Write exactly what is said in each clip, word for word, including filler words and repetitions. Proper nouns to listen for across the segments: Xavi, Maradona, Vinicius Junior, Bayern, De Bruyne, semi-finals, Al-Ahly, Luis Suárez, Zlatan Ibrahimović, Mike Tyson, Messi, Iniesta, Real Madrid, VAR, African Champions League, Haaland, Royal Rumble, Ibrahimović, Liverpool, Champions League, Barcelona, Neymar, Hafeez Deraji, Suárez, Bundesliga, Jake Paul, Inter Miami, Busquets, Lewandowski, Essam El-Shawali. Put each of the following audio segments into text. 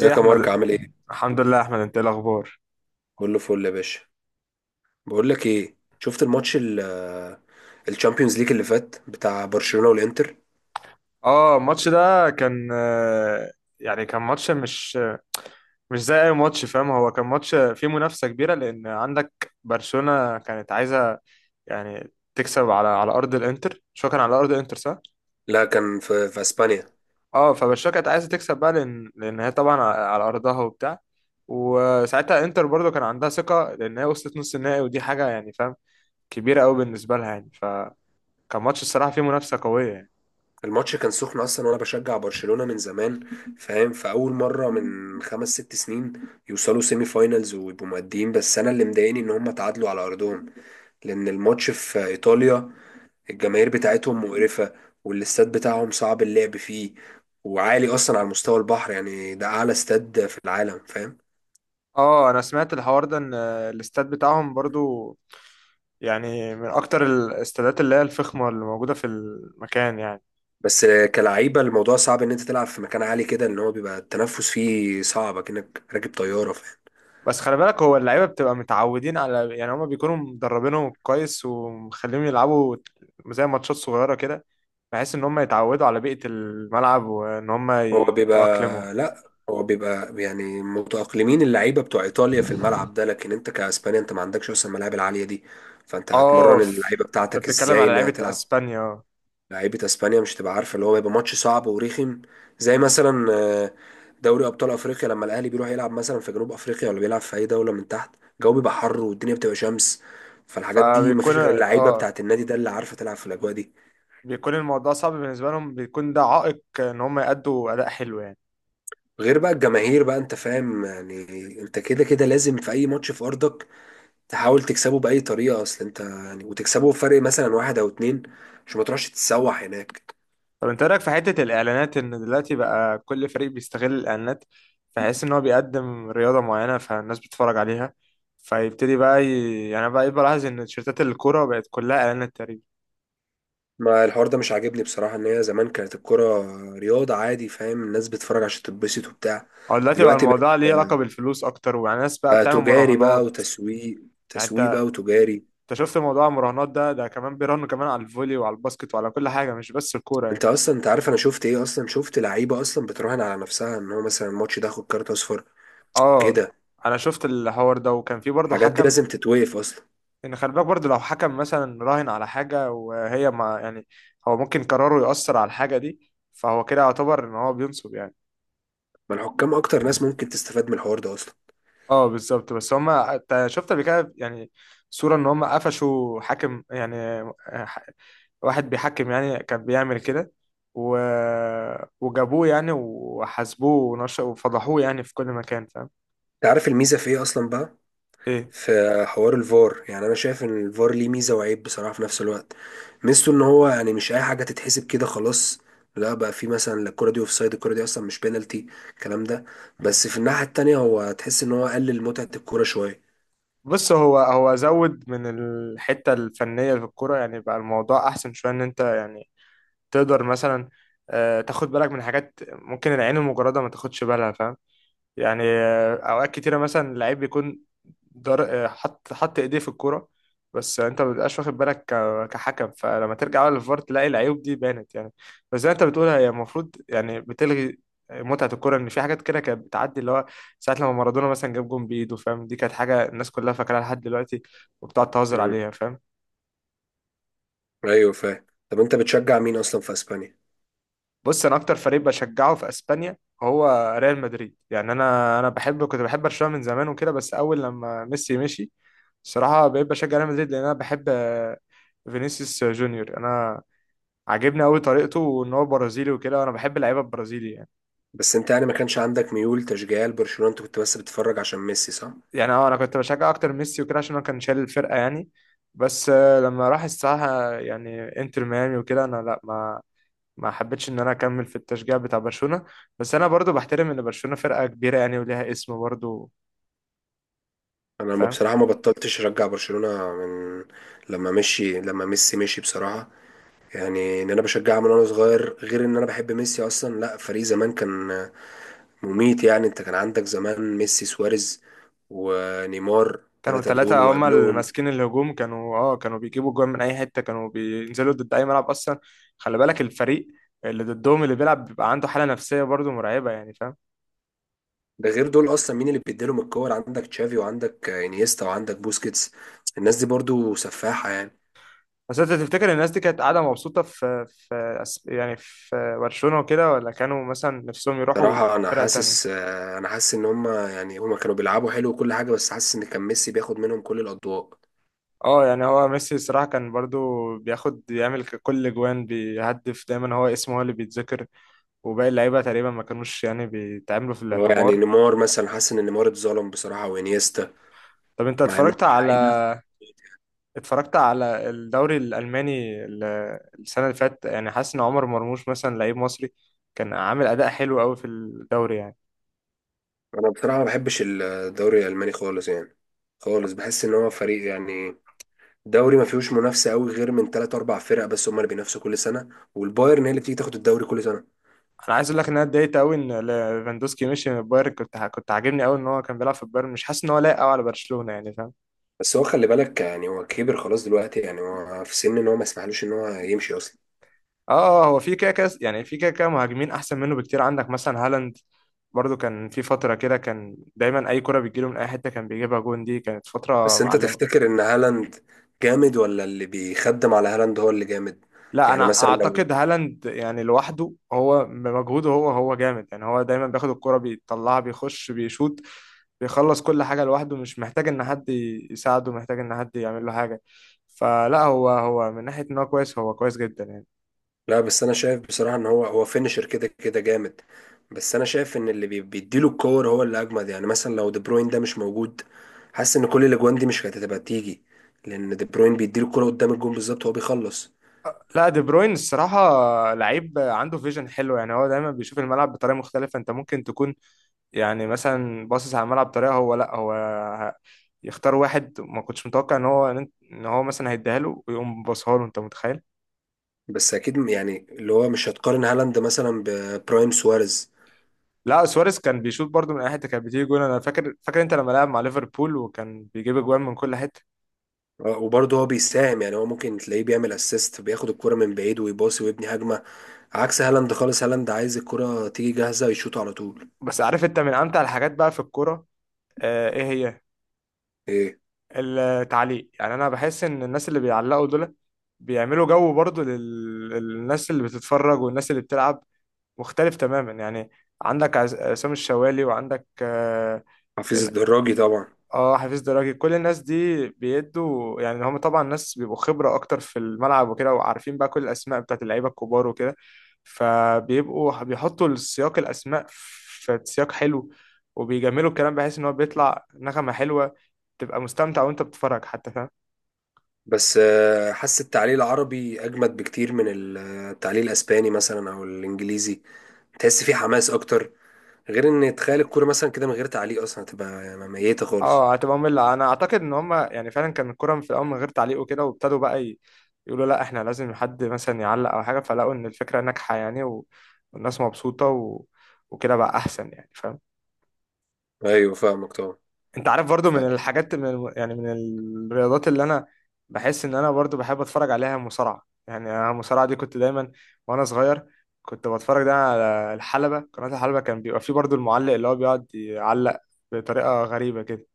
ايه يا يا احمد. مارك، عامل ايه؟ الحمد لله يا احمد، انت ايه الاخبار؟ كله فل يا باشا. بقول لك ايه، شفت الماتش ال الشامبيونز ليج اللي فات بتاع برشلونة والانتر؟ اه، الماتش ده كان آه، يعني كان ماتش مش مش زي اي ماتش، فاهم؟ هو كان ماتش فيه منافسة كبيرة لان عندك برشلونة كانت عايزة يعني تكسب على على ارض الانتر، شو كان على ارض الانتر، صح؟ لا، كان في, في اسبانيا. اه، فبرشلونة كانت عايزة تكسب بقى، لان لان هي طبعا على على ارضها وبتاع. وساعتها انتر برضو كان عندها ثقة لان هي وصلت نص النهائي، ودي حاجة يعني، فاهم، كبيرة قوي بالنسبة لها يعني. فكان ماتش الصراحة فيه منافسة قوية يعني. الماتش كان سخن اصلا، وانا بشجع برشلونة من زمان، فاهم؟ فاول مرة من خمس ست سنين يوصلوا سيمي فاينلز ويبقوا مقدمين، بس انا اللي مضايقني ان هم تعادلوا على ارضهم، لان الماتش في ايطاليا. الجماهير بتاعتهم مقرفة، والاستاد بتاعهم صعب اللعب فيه، وعالي اصلا على مستوى البحر. يعني ده اعلى استاد في العالم، فاهم؟ اه، انا سمعت الحوار ده ان الاستاد بتاعهم برضو يعني من اكتر الاستادات اللي هي الفخمه اللي موجوده في المكان يعني. بس كلعيبة، الموضوع صعب ان انت تلعب في مكان عالي كده، ان هو بيبقى التنفس فيه صعب كأنك راكب طيارة، فاهم؟ بس خلي بالك، هو اللعيبه بتبقى متعودين على، يعني هما بيكونوا مدربينهم كويس ومخليهم يلعبوا زي ماتشات صغيره كده، بحيث ان هما يتعودوا على بيئه الملعب وان هما هو بيبقى يتاقلموا. لا، هو بيبقى يعني متأقلمين اللعيبة بتوع ايطاليا في الملعب ده، لكن انت كاسبانيا انت ما عندكش اصلا الملاعب العالية دي. فانت اه، هتمرن ف- اللعيبة انت بتاعتك بتتكلم ازاي على ان هي لعيبه تلعب؟ اسبانيا. لعيبه اسبانيا مش هتبقى عارفه، اللي هو هيبقى ماتش صعب ورخم. زي مثلا آه، دوري ابطال افريقيا، لما الاهلي بيروح يلعب مثلا في جنوب افريقيا، ولا بيلعب في اي دوله من تحت. الجو بيبقى حر والدنيا بتبقى شمس، فالحاجات دي فبيكون مفيش غير اللعيبه اه بتاعه النادي ده اللي عارفه تلعب في الاجواء دي. بيكون الموضوع صعب بالنسبه لهم، بيكون ده عائق ان هما يأدوا اداء حلو يعني. غير بقى الجماهير بقى، انت فاهم يعني. انت كده كده لازم في اي ماتش في ارضك تحاول تكسبه باي طريقه، اصل انت يعني وتكسبه بفرق مثلا واحد او اتنين، عشان ما تروحش تتسوح هناك. طب، انت رايك في حته الاعلانات، ان دلوقتي بقى كل فريق بيستغل الاعلانات، فحيث ان هو بيقدم رياضه معينه فالناس بتتفرج عليها. فيبتدي بقى ي... يعني بقى بلاحظ ان تيشيرتات الكوره بقت كلها اعلانات تقريبا. ما الحوار ده مش عاجبني بصراحة. ان هي زمان كانت الكرة رياضة عادي، فاهم؟ الناس بتتفرج عشان تتبسط وبتاع. او دلوقتي بقى دلوقتي بقت الموضوع ليه علاقه بالفلوس اكتر، ويعني الناس بقى بقى بتعمل تجاري بقى مراهنات. وتسويق، يعني تسويق بقى انت وتجاري. انت شفت موضوع المراهنات ده ده كمان بيراهنوا كمان على الفولي وعلى الباسكت وعلى كل حاجه، مش بس الكوره يعني. انت اصلا، انت عارف انا شفت ايه اصلا؟ شفت لعيبة اصلا بتراهن على نفسها ان هو مثلا الماتش ده ياخد كارت اصفر، اه، كده. انا شفت الحوار ده وكان في برضه الحاجات دي حكم. لازم تتوقف اصلا. ان خلي بالك برضه، لو حكم مثلا راهن على حاجه وهي، ما يعني، هو ممكن قراره يأثر على الحاجه دي، فهو كده يعتبر ان هو بينصب يعني. ما الحكام اكتر ناس ممكن تستفاد من الحوار ده اصلا. اه، بالظبط. بس هما، أنت شفت قبل كده يعني، صوره ان هما قفشوا حاكم يعني، ح- واحد بيحكم يعني كان بيعمل كده و... وجابوه يعني وحاسبوه ونش... وفضحوه يعني في كل مكان، فاهم. انت عارف الميزة في ايه اصلا بقى؟ ايه؟ في حوار الفار. يعني انا شايف ان الفار ليه ميزه وعيب بصراحه في نفس الوقت. ميزته ان هو يعني مش اي حاجه تتحسب كده خلاص. لا بقى، في مثلا لا الكره دي اوف سايد، الكره دي اصلا مش بينالتي، الكلام ده. بس في الناحيه التانية، هو تحس ان هو قلل متعه الكوره شويه. بص، هو هو زود من الحته الفنيه في الكوره، يعني بقى الموضوع احسن شويه، ان انت يعني تقدر مثلا آه، تاخد بالك من حاجات ممكن العين المجرده ما تاخدش بالها، فاهم. يعني آه، اوقات كتيره مثلا اللعيب بيكون در... آه، حط حط ايديه في الكوره، بس انت ما بتبقاش واخد بالك ك... كحكم. فلما ترجع بقى للفار تلاقي العيوب دي بانت يعني. بس زي ما انت بتقول، هي المفروض يعني بتلغي متعة الكورة، إن في حاجات كده كانت بتعدي اللي هو، ساعة لما مارادونا مثلا جاب جون بإيده فاهم، دي كانت حاجة الناس كلها فاكراها لحد دلوقتي، وبتقعد تهزر امم عليها فاهم. ايوه، فاهم. طب انت بتشجع مين اصلا في اسبانيا؟ بص، انا اكتر فريق بشجعه في اسبانيا هو ريال مدريد يعني. انا انا بحب، كنت بحب برشلونة من زمان وكده، بس اول لما ميسي مشي الصراحة بقيت بشجع ريال مدريد، لان انا بحب آه، فينيسيوس جونيور. انا عاجبني قوي طريقته، وان هو برازيلي وكده، وانا بحب اللعيبه البرازيلي يعني. بس انت يعني ما كانش عندك ميول تشجيعيه لبرشلونه؟ انت كنت بس بتتفرج عشان ميسي، صح؟ يعني اه، انا كنت بشجع اكتر ميسي وكده عشان هو كان شايل الفرقه يعني. بس آه، لما راح الساحه يعني انتر ميامي وكده، انا لا، ما ما حبيتش ان انا اكمل في التشجيع بتاع برشلونه. بس انا برضو بحترم ان برشلونه فرقه كبيره يعني وليها اسم برضو. انا ما فاهم. بصراحه ما بطلتش اشجع برشلونه من لما مشي لما ميسي مشي، بصراحه. يعني ان انا بشجعها من وانا صغير، غير ان انا بحب ميسي اصلا. لا، فريق زمان كان مميت يعني. انت كان عندك زمان ميسي، سواريز، ونيمار، كانوا ثلاثة دول، ثلاثة هما اللي وقبلهم ماسكين الهجوم. كانوا اه كانوا بيجيبوا جوان من أي حتة، كانوا بينزلوا ضد أي ملعب أصلا. خلي بالك، الفريق اللي ضدهم اللي بيلعب بيبقى عنده حالة نفسية برضو مرعبة يعني فاهم. ده، غير دول اصلا مين اللي بيديلهم الكور؟ عندك تشافي، وعندك انيستا، وعندك بوسكيتس. الناس دي برضو سفاحة يعني. بس أنت تفتكر الناس دي كانت قاعدة مبسوطة في في أس- يعني في برشلونة وكده، ولا كانوا مثلا نفسهم يروحوا صراحة انا فرقة حاسس تانية؟ انا حاسس ان هم يعني هم كانوا بيلعبوا حلو وكل حاجة، بس حاسس ان كان ميسي بياخد منهم كل الاضواء. اه، يعني هو ميسي الصراحة كان برضو بياخد، يعمل ك- كل جوان بيهدف دايما هو اسمه هو اللي بيتذكر، وباقي اللعيبة تقريبا ما كانوش يعني بيتعاملوا في هو يعني الاعتبار. نيمار مثلا، حاسس ان نيمار اتظلم بصراحة، وانيستا طب انت مع انهم اتفرجت على حقيقي. اتفرجت على الدوري الألماني ال- السنة اللي فاتت يعني، حاسس إن عمر مرموش مثلا لعيب مصري كان عامل أداء حلو أوي في الدوري يعني؟ انا بصراحه ما بحبش الدوري الالماني خالص يعني، خالص. بحس ان هو فريق يعني، دوري ما فيهوش منافسه قوي غير من تلات اربع فرق بس، هم اللي بينافسوا كل سنه، والبايرن هي اللي بتيجي تاخد الدوري كل سنه. أنا عايز أقول لك إن أنا اتضايقت أوي إن ليفاندوسكي مشي من البايرن. كنت ع- كنت عاجبني أوي إن هو كان بيلعب في البايرن، مش حاسس إن هو لايق أوي على برشلونة يعني، فاهم. بس هو خلي بالك يعني، هو كبر خلاص دلوقتي، يعني هو في سن ان هو ما يسمحلوش ان هو يمشي اصلا. آه آه، هو في كده كده يعني، في كده كده مهاجمين أحسن منه بكتير. عندك مثلا هالاند، برضو كان في فترة كده كان دايما أي كرة بتجيله من أي حتة كان بيجيبها جون، دي كانت فترة بس انت معلمة. تفتكر ان هالاند جامد، ولا اللي بيخدم على هالاند هو اللي جامد؟ لا، يعني انا مثلا لو، اعتقد هالاند يعني لوحده هو بمجهوده، هو هو جامد يعني. هو دايما بياخد الكرة بيطلعها بيخش بيشوط، بيخلص كل حاجة لوحده، مش محتاج ان حد يساعده، محتاج ان حد يعمل له حاجة. فلا، هو هو من ناحية ان هو كويس، هو كويس جدا يعني. لا بس انا شايف بصراحه ان هو هو فينشر كده كده جامد. بس انا شايف ان اللي بي- بيديله الكور هو اللي اجمد. يعني مثلا لو دي بروين ده مش موجود، حاسس ان كل الاجوان دي مش كانت هتبقى تيجي، لان دي بروين بيديله الكوره قدام الجون بالظبط، هو بيخلص. لا، دي بروين الصراحة لعيب عنده فيجن حلو يعني. هو دايما بيشوف الملعب بطريقة مختلفة. انت ممكن تكون يعني مثلا باصص على الملعب بطريقة، هو لا هو ه- يختار واحد ما كنتش متوقع ان هو ان هو مثلا هيديها له، ويقوم باصها له، انت متخيل. بس اكيد م- يعني اللي هو مش هتقارن هالاند مثلا ببرايم سواريز. لا، سواريز كان بيشوط برضو من اي حته كانت بتيجي جون. انا فاكر فاكر انت لما لعب مع ليفربول وكان بيجيب اجوان من كل حته. آه، وبرضه هو بيساهم يعني، هو ممكن تلاقيه بيعمل اسيست، بياخد الكرة من بعيد ويباصي ويبني هجمة، عكس هالاند خالص. هالاند عايز الكرة تيجي جاهزة يشوط على طول. بس عارف انت من امتع الحاجات بقى في الكوره؟ آه، ايه هي؟ ايه، التعليق يعني. انا بحس ان الناس اللي بيعلقوا دول بيعملوا جو برضو لل- للناس اللي بتتفرج والناس اللي بتلعب مختلف تماما يعني. عندك عز- عصام الشوالي، وعندك آه حفيظ الدراجي طبعا. اه حفيظ دراجي، كل الناس دي بيدوا يعني. هم طبعا ناس بيبقوا خبرة اكتر في الملعب وكده، وعارفين بقى كل الاسماء بتاعت اللعيبة الكبار وكده، فبيبقوا بيحطوا السياق، الاسماء في سياق حلو، وبيجملوا الكلام بحيث ان هو بيطلع نغمة حلوة، تبقى مستمتع وانت بتتفرج حتى، فاهم. بس آه، حاسس التعليق العربي اجمد بكتير من ال- التعليق الاسباني مثلا او الانجليزي، تحس فيه حماس اكتر. غير ان تخيل الكوره مثلا كده من غير تعليق اصلا، هتبقى يعني ميته خالص. اه، هتبقى مملة. انا اعتقد ان هم يعني فعلا كان الكرة في الاول من غير تعليق وكده، وابتدوا بقى ي- يقولوا لا، احنا لازم حد مثلا يعلق او حاجة، فلقوا ان الفكرة ناجحة يعني، و- والناس مبسوطة و... وكده بقى احسن يعني، فاهم. ايوه، فاهمك طبعا. انت عارف برضو من فاهم. الحاجات، من الم- يعني من الرياضات اللي انا بحس ان انا برضو بحب اتفرج عليها، مصارعة. يعني انا المصارعة دي كنت دايما وانا صغير كنت بتفرج ده على الحلبة، قناة الحلبة، كان بيبقى فيه برضو المعلق اللي هو بيقعد يعلق بطريقة غريبة كده.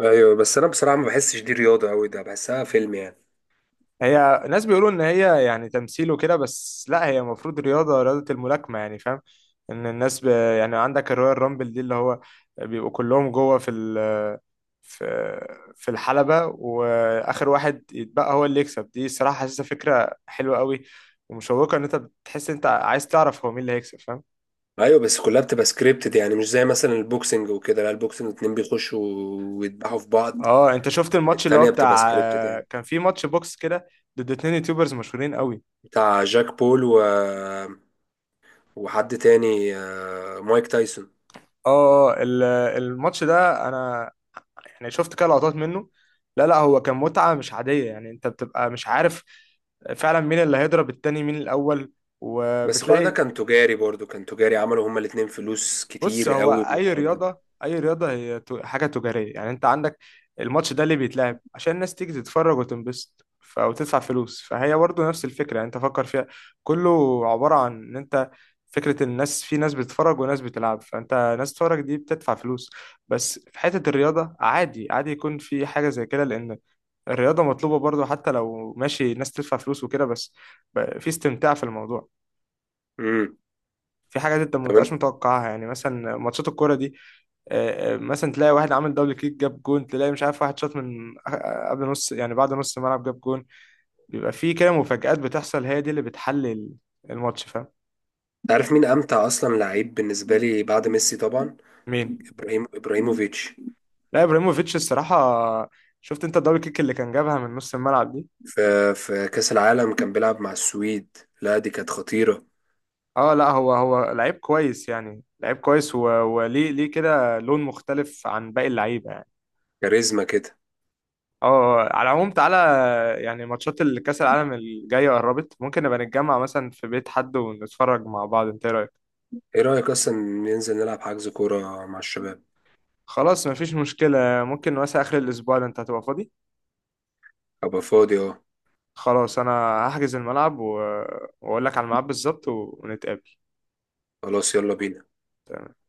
ايوه، بس انا بصراحه ما بحسش دي رياضه قوي، ده بحسها فيلم يعني. هي ناس بيقولوا ان هي يعني تمثيل وكده، بس لا، هي المفروض رياضة، رياضة الملاكمة يعني فاهم. ان الناس ب... يعني عندك الرويال رامبل دي، اللي هو بيبقوا كلهم جوه في في في الحلبة، وآخر واحد يتبقى هو اللي يكسب، دي صراحة حاسسها فكرة حلوة قوي ومشوقة، إن أنت بتحس أنت عايز تعرف هو مين اللي هيكسب، فاهم. ايوه بس كلها بتبقى سكريبتد، يعني مش زي مثلا البوكسنج وكده. لا، البوكسنج اتنين بيخشوا ويدبحوا في بعض. اه، انت شفت الماتش اللي هو التانية بتبقى بتاع، سكريبتد يعني. كان في ماتش بوكس كده، ضد اتنين يوتيوبرز مشهورين قوي؟ بتاع جاك بول و... وحد تاني، آه، مايك تايسون. اه اه ال- الماتش ده انا يعني شفت كده لقطات منه. لا لا، هو كان متعة مش عادية يعني، انت بتبقى مش عارف فعلا مين اللي هيضرب التاني مين الاول، بس كل ده وبتلاقي. كان تجاري برضو، كان تجاري، عملوا هما الاتنين فلوس بص، كتير هو قوي من اي الحوار ده. رياضه، اي رياضه هي ت- حاجه تجاريه يعني. انت عندك الماتش ده ليه بيتلعب؟ عشان الناس تيجي تتفرج وتنبسط ف- وتدفع فلوس، فهي برضه نفس الفكره يعني، انت فكر فيها. كله عباره عن ان انت، فكره الناس، في ناس بتتفرج وناس بتلعب، فانت ناس تتفرج دي بتدفع فلوس. بس في حته الرياضه، عادي عادي يكون في حاجه زي كده، لان الرياضه مطلوبه برضه حتى لو ماشي ناس تدفع فلوس وكده، بس ب- في استمتاع في الموضوع. امم في حاجات انت ما طب بتبقاش انت متوقعها، يعني مثلا ماتشات الكوره دي، آه، آه، مثلا تلاقي واحد عامل دبل كيك جاب جون، تلاقي مش عارف واحد شاط من آه، قبل نص يعني، بعد نص الملعب جاب جون. بيبقى في كده مفاجآت بتحصل، هي دي اللي بتحلل الماتش، فاهم. عارف مين امتع اصلا لعيب بالنسبه لي بعد ميسي طبعا؟ مين؟ ابراهيم ابراهيموفيتش. لا، ابراهيموفيتش الصراحه. شفت انت الدبل كيك اللي كان جابها من نص الملعب دي؟ في في كاس العالم كان بيلعب مع السويد. لا دي كانت خطيره. اه لا، هو هو لعيب كويس يعني، لعيب كويس، و- وليه ليه كده لون مختلف عن باقي اللعيبه. كاريزما كده. اه، على العموم تعالى، يعني ماتشات الكأس العالم الجاية قربت، ممكن نبقى نتجمع مثلا في بيت حد ونتفرج مع بعض، انت ايه رأيك؟ ايه رايك اصلا ننزل نلعب، حجز كوره مع الشباب؟ خلاص، مفيش مشكلة. ممكن مثلا آخر الأسبوع ده انت هتبقى فاضي؟ ابقى فاضي، اه. خلاص، أنا هحجز الملعب و... وأقول لك على الميعاد بالظبط ونتقابل. خلاص، يلا بينا. تمام.